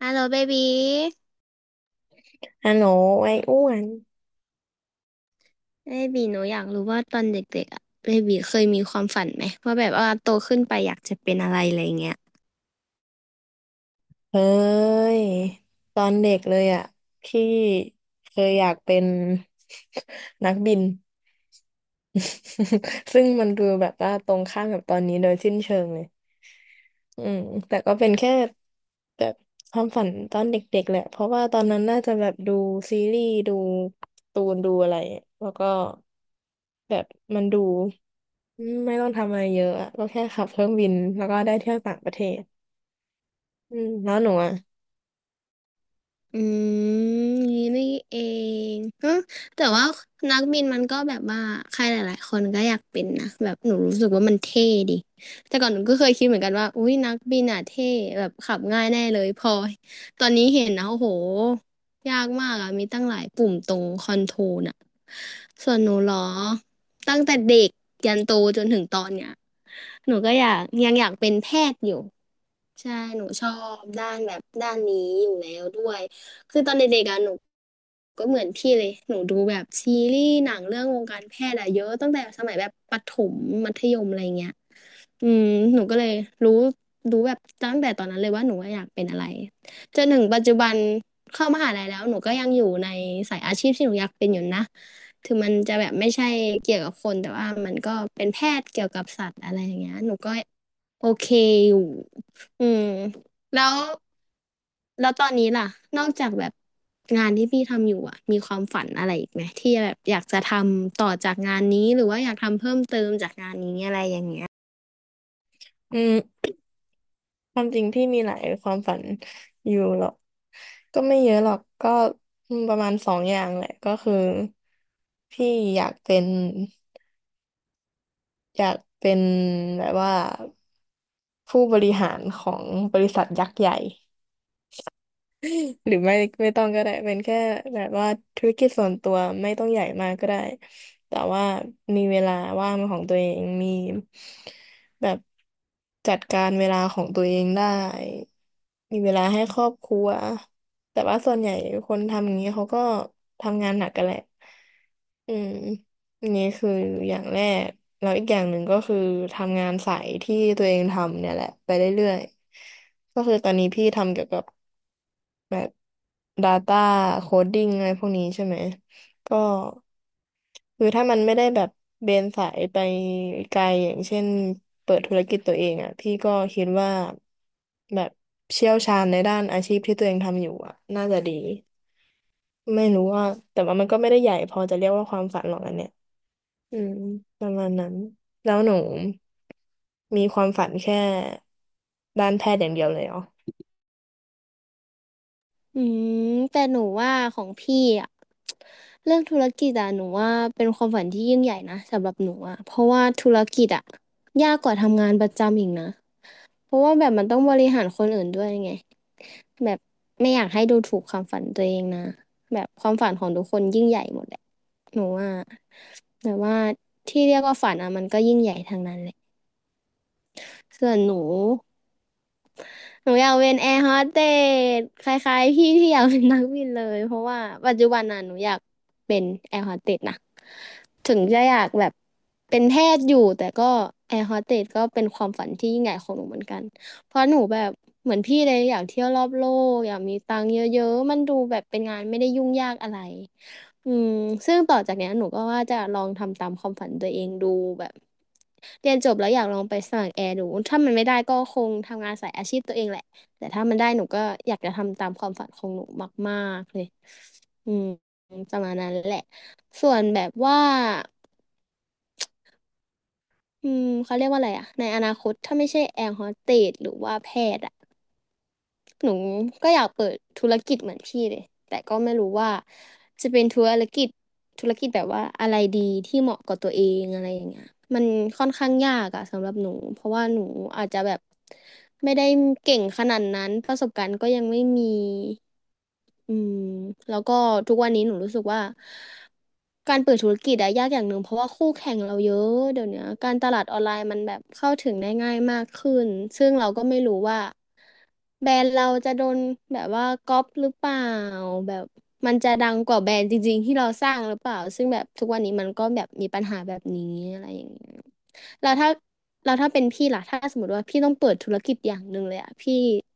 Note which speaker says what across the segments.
Speaker 1: ฮัลโหลเบบี
Speaker 2: ฮัลโหลไอ้อ้วน
Speaker 1: เบบีหนูอยากรู้ว่าตอนเด็กๆอะเบบีเคยมีความฝันไหมว่าแบบว่าโตขึ้นไปอยากจะเป็นอะไรอะไรเงี้ย
Speaker 2: เฮ้ยตอนเด็กเลยอ่ะพี่เคยอยากเป็น นักบิน ซึ่งมันดูแบบว่าตรงข้ามกับตอนนี้โดยสิ้นเชิงเลยอืมแต่ก็เป็นแค่แบบความฝันตอนเด็กๆแหละเพราะว่าตอนนั้นน่าจะแบบดูซีรีส์ดูการ์ตูนดูอะไรแล้วก็แบบมันดูไม่ต้องทำอะไรเยอะอะก็แค่ขับเครื่องบินแล้วก็ได้เที่ยวต่างประเทศอืมแล้วหนูอ่ะ
Speaker 1: อืมนี่นี่เองฮะแต่ว่านักบินมันก็แบบว่าใครหลายๆคนก็อยากเป็นนะแบบหนูรู้สึกว่ามันเท่ดิแต่ก่อนหนูก็เคยคิดเหมือนกันว่าอุ้ยนักบินอ่ะเท่แบบขับง่ายแน่เลยพอตอนนี้เห็นนะโอ้โหยากมากอ่ะมีตั้งหลายปุ่มตรงคอนโทรลอ่ะส่วนหนูเหรอตั้งแต่เด็กยันโตจนถึงตอนเนี้ยหนูก็อยากยังอยากเป็นแพทย์อยู่ ใช่หนูชอบด้านแบบด้านนี้อยู่แล้วด้วยคือตอนเด็กๆอะหนูก็เหมือนพี่เลยหนูดูแบบซีรีส์หนังเรื่องวงการแพทย์อะเยอะตั้งแต่สมัยแบบประถมมัธยมอะไรเงี้ยอืมหนูก็เลยรู้รู้แบบตั้งแต่ตอนนั้นเลยว่าหนูอยากเป็นอะไรจนถึงปัจจุบันเข้ามหาลัยแล้วหนูก็ยังอยู่ในสายอาชีพที่หนูอยากเป็นอยู่นะถึงมันจะแบบไม่ใช่เกี่ยวกับคนแต่ว่ามันก็เป็นแพทย์เกี่ยวกับสัตว์อะไรอย่างเงี้ยหนูก็ โอเคอยู่ อืมแล้ว แล้วตอนนี้ล่ะ นอกจากแบบงานที่พี่ทำอยู่อ่ะมีความฝันอะไรอีกไหมที่แบบอยากจะทำต่อจากงานนี้หรือว่าอยากทำเพิ่มเติมจากงานนี้อะไรอย่างเงี้ย
Speaker 2: อืม ความจริงพี่มีหลายความฝันอยู่หรอกก็ไม่เยอะหรอกก็ประมาณสองอย่างแหละก็คือพี่อยากเป็นอยากเป็นแบบว่าผู้บริหารของบริษัทยักษ์ใหญ่ หรือไม่ต้องก็ได้เป็นแค่แบบว่าธุรกิจส่วนตัวไม่ต้องใหญ่มากก็ได้แต่ว่ามีเวลาว่างเป็นของตัวเองมีแบบจัดการเวลาของตัวเองได้มีเวลาให้ครอบครัวแต่ว่าส่วนใหญ่คนทำอย่างนี้เขาก็ทำงานหนักกันแหละอืมอันนี้คืออย่างแรกแล้วอีกอย่างหนึ่งก็คือทำงานสายที่ตัวเองทำเนี่ยแหละไปเรื่อยๆก็คือตอนนี้พี่ทำเกี่ยวกับ แบบ Data Coding อะไรพวกนี้ใช่ไหมก็คือถ้ามันไม่ได้แบบเบนสายไปไกลอย่างเช่นเปิดธุรกิจตัวเองอ่ะพี่ก็คิดว่าแบบเชี่ยวชาญในด้านอาชีพที่ตัวเองทำอยู่อ่ะน่าจะดีไม่รู้ว่าแต่ว่ามันก็ไม่ได้ใหญ่พอจะเรียกว่าความฝันหรอกอันเนี้ยอืมประมาณนั้นแล้วหนูมีความฝันแค่ด้านแพทย์อย่างเดียวเลยเหรอ
Speaker 1: อืมแต่หนูว่าของพี่อ่ะ เรื่องธุรกิจอ่ะหนูว่าเป็นความฝันที่ยิ่งใหญ่นะสำหรับหนูอ่ะเพราะว่าธุรกิจอ่ะยากกว่าทำงานประจำอีกนะ เพราะว่าแบบมันต้องบริหารคนอื่นด้วยไงแบบไม่อยากให้ดูถูกความฝันตัวเองนะแบบความฝันของทุกคนยิ่งใหญ่หมดแหละหนูว่าแต่ว่าที่เรียกว่าฝันอ่ะมันก็ยิ่งใหญ่ทางนั้นแหละส่วนหนู หนูอยากเป็นแอร์โฮสเตสคล้ายๆพี่ที่อยากเป็นนักบินเลยเพราะว่าปัจจุบันน่ะหนูอยากเป็นแอร์โฮสเตสนะถึงจะอยากแบบเป็นแพทย์อยู่แต่ก็แอร์โฮสเตสก็เป็นความฝันที่ยิ่งใหญ่ของหนูเหมือนกันเพราะหนูแบบเหมือนพี่เลยอยากเที่ยวรอบโลกอยากมีตังค์เยอะๆมันดูแบบเป็นงานไม่ได้ยุ่งยากอะไร อืมซึ่งต่อจากเนี้ยหนูก็ว่าจะลองทำตามความฝันตัวเองดูแบบเรียนจบแล้วอยากลองไปสมัครแอร์ดูถ้ามันไม่ได้ก็คงทำงานสายอาชีพตัวเองแหละแต่ถ้ามันได้หนูก็อยากจะทำตามความฝันของหนูมากๆเลยอืมประมาณนั้นแหละส่วนแบบว่าอืมเขาเรียกว่าอะไรอะในอนาคตถ้าไม่ใช่แอร์โฮสเตสหรือว่าแพทย์อะ หนูก็อยากเปิดธุรกิจเหมือนพี่เลย แต่ก็ไม่รู้ว่าจะเป็นธุรกิจแบบว่าอะไรดีที่เหมาะกับตัวเองอะไรอย่างเงี้ยมันค่อนข้างยากอะสำหรับหนูเพราะว่าหนูอาจจะแบบไม่ได้เก่งขนาดนั้นประสบการณ์ก็ยังไม่มีอืมแล้วก็ทุกวันนี้หนูรู้สึกว่าการเปิดธุรกิจอะยากอย่างหนึ่งเพราะว่าคู่แข่งเราเยอะเดี๋ยวเนี้ยการตลาดออนไลน์มันแบบเข้าถึงได้ง่ายมากขึ้นซึ่งเราก็ไม่รู้ว่า แบรนด์เราจะโดนแบบว่าก๊อปหรือเปล่าแบบมันจะดังกว่าแบรนด์จริงๆที่เราสร้างหรือเปล่าซึ่งแบบทุกวันนี้มันก็แบบมีปัญหาแบบนี้อะไรอย่างเงี้ยแล้วถ้าเป็นพี่ล่ะถ้าสมมติว่าพี่ต้องเปิดธุรกิจอย่างหนึ่งเลยอะพี่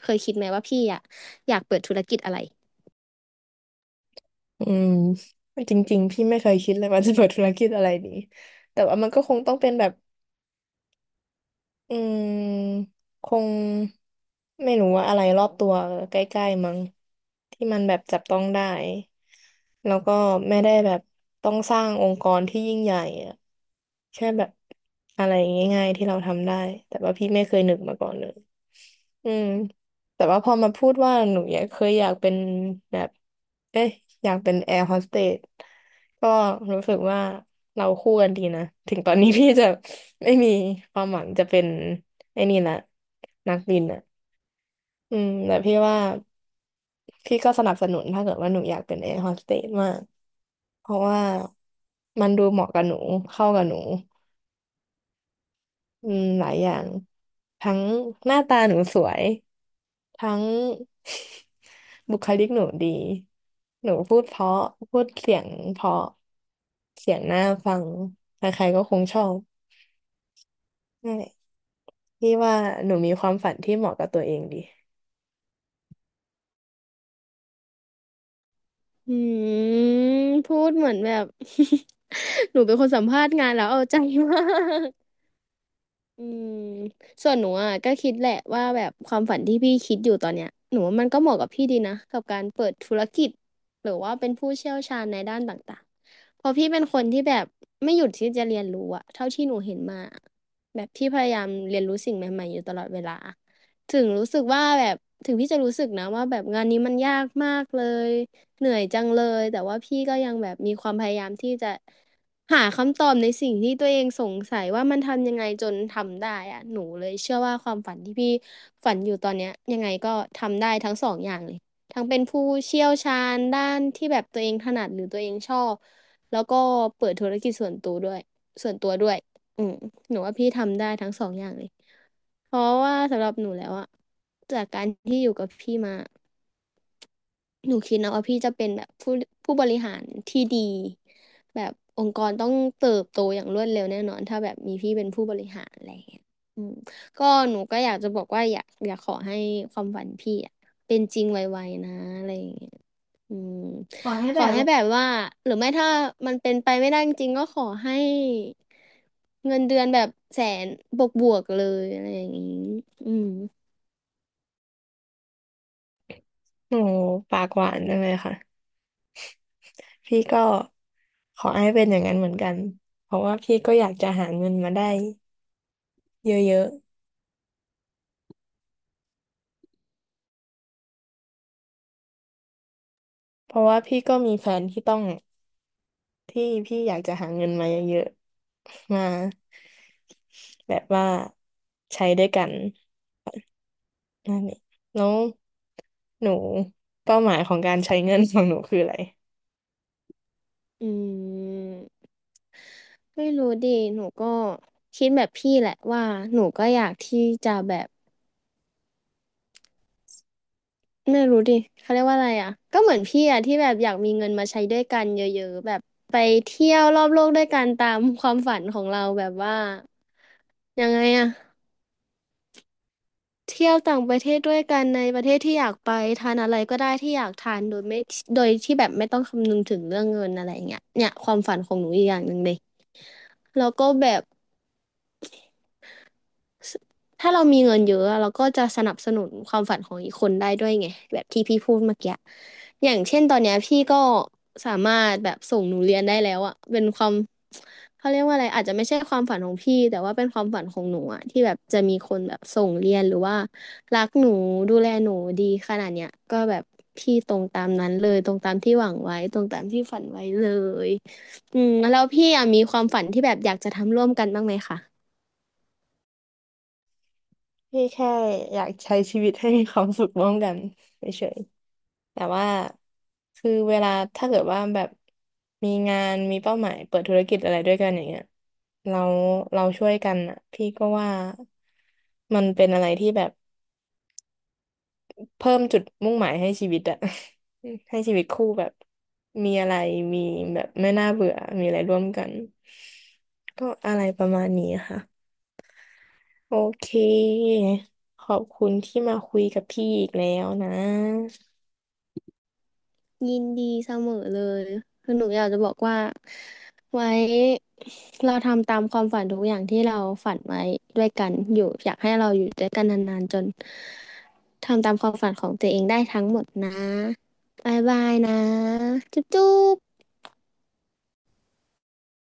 Speaker 1: เคยคิดไหมว่าพี่อะอยากเปิดธุรกิจอะไร
Speaker 2: อืมจริงๆพี่ไม่เคยคิดเลยว่าจะเปิดธุรกิจอะไรดีแต่ว่ามันก็คงต้องเป็นแบบอืมคงไม่รู้ว่าอะไรรอบตัวใกล้ๆมั้งที่มันแบบจับต้องได้แล้วก็ไม่ได้แบบต้องสร้างองค์กรที่ยิ่งใหญ่อะแค่แบบอะไรง่ายๆที่เราทำได้แต่ว่าพี่ไม่เคยนึกมาก่อนเลย อืมแต่ว่าพอมาพูดว่าหนูอยากเคยอยากเป็นแบบเอ๊ะอยากเป็นแอร์โฮสเตสก็รู้สึกว่าเราคู่กันดีนะถึงตอนนี้พี่จะไม่มีความหวังจะเป็นไอ้นี่ละนักบินอ่ะอืมแต่พี่ว่าพี่ก็สนับสนุนถ้าเกิดว่าหนูอยากเป็นแอร์โฮสเตสมากเพราะว่ามันดูเหมาะกับหนูเข้ากับหนูอืมหลายอย่างทั้งหน้าตาหนูสวย ทั้ง บุคลิกหนูดีหนูพูดเพราะพูดเสียงเพราะเสียงน่าฟังใครๆก็คงชอบนั่นแหละพี่ว่าหนูมีความฝันที่เหมาะกับตัวเองดี
Speaker 1: อืมพูดเหมือนแบบ หนูเป็นคนสัมภาษณ์งานแล้วเอาใจมาก อืมส่วนหนูอ่ะก็คิดแหละว่าแบบความฝันที่พี่คิดอยู่ตอนเนี้ยหนูว่ามันก็เหมาะกับพี่ดีนะกับการเปิดธุรกิจหรือว่าเป็นผู้เชี่ยวชาญในด้านต่างๆเพราะพี่เป็นคนที่แบบไม่หยุดที่จะเรียนรู้อะเท่าที่หนูเห็นมาแบบพี่พยายามเรียนรู้สิ่งใหม่ๆอยู่ตลอดเวลาถึงรู้สึกว่าแบบถึงพี่จะรู้สึกนะว่าแบบงานนี้มันยากมากเลยเหนื่อยจังเลยแต่ว่าพี่ก็ยังแบบมีความพยายามที่จะ หาคำตอบในสิ่งที่ตัวเองสงสัยว่ามันทำยังไงจนทำได้อะหนูเลยเชื่อว่าความฝันที่พี่ฝันอยู่ตอนเนี้ยยังไงก็ทำได้ทั้งสองอย่างเลยทั้งเป็นผู้เชี่ยวชาญด้านที่แบบตัวเองถนัดหรือตัวเองชอบแล้วก็เปิดธุรกิจส่วนตัวด้วยส่วนตัวด้วยอืมหนูว่าพี่ทำได้ทั้งสองอย่างเลยเพราะว่าสำหรับหนูแล้วอะจากการที่อยู่กับพี่มา หนูคิดนะว่าพี่จะเป็นแบบผู้บริหารที่ดีแบบองค์กรต้องเติบโตอย่างรวดเร็วแน่นอนถ้าแบบมีพี่เป็นผู้บริหารอะไรอย่างเงี้ยอืมก็หนูก็อยากจะบอกว่าอยากขอให้ความฝันพี่อะเป็นจริงไวๆนะอะไรอย่างเงี้ยอืมขอให้แบบว่าหรือไม่ถ้ามันเป็นไปไม่ได้จริงๆก็ขอให้เงินเดือนแบบแสนบวกๆเลยอะไรอย่างงี้อืม
Speaker 2: หนูปากหวานจังเลยค่ะพี่ก็ขอให้เป็นอย่างนั้นเหมือนกันเพราะว่าพี่ก็อยากจะหาเงินมาได้เยอะๆเพราะว่าพี่ก็มีแฟนที่ต้องที่พี่อยากจะหาเงินมาเยอะๆมาแบบว่าใช้ด้วยกัน นั่นเองแล้วหนูเป้าหมายของการใช้เงินของหนูคืออะไร
Speaker 1: อืมไม่รู้ดิหนูก็คิดแบบพี่แหละว่าหนูก็อยากที่จะแบบไม่รู้ดิเขาเรียกว่าอะไรอ่ะก็เหมือนพี่อ่ะที่แบบอยากมีเงินมาใช้ด้วยกันเยอะๆแบบไปเที่ยวรอบโลกด้วยกันตามความฝันของเราแบบว่ายังไงอ่ะเที่ยวต่างประเทศด้วยกันในประเทศที่อยากไปทานอะไรก็ได้ที่อยากทานโดยไม่โดยที่แบบไม่ต้องคำนึงถึงเรื่องเงินอะไรอย่างเงี้ยเนี่ยความฝันของหนูอีกอย่างหนึ่งเลยแล้วก็แบบ ถ้าเรามีเงินเยอะเราก็จะสนับสนุนความฝันของอีกคนได้ด้วยไงแบบที่พี่พูดเมื่อกี้อย่างเช่นตอนเนี้ยพี่ก็สามารถแบบส่งหนูเรียนได้แล้วอะเป็นความเขาเรียกว่าอะไรอาจจะไม่ใช่ความฝันของพี่แต่ว่าเป็นความฝันของหนูอะที่แบบจะมีคนแบบส่งเรียนหรือว่ารักหนูดูแลหนูดีขนาดเนี้ยก็แบบพี่ตรงตามนั้นเลยตรงตามที่หวังไว้ตรงตามที่ฝันไว้เลยแล้วพี่อะมีความฝันที่แบบอยากจะทำร่วมกันบ้างไหมคะ
Speaker 2: พี่แค่อยากใช้ชีวิตให้มีความสุขร่วมกันเฉยๆแต่ว่าคือเวลาถ้าเกิดว่าแบบมีงานมีเป้าหมายเปิดธุรกิจอะไรด้วยกันอย่างเงี้ยเราเราช่วยกันอ่ะพี่ก็ว่ามันเป็นอะไรที่แบบ เพิ่มจุดมุ่งหมายให้ชีวิตอะ ให้ชีวิตคู่แบบมีอะไรมีแบบไม่น่าเบื่อมีอะไรร่วมกันก็อะไรประมาณนี้ค่ะโอเคขอบคุณที่มาคุยกับพี่อีกแล้วนะ
Speaker 1: ยินดีเสมอเลยคือหนูอยากจะบอกว่าไว้เราทำตามความฝันทุกอย่างที่เราฝันไว้ด้วยกันอยู่อยากให้เราอยู่ด้วยกันนานๆจนทำตามความฝันของตัวเองได้ทั้งหมดนะบายบายนะจุ๊บจุ๊บ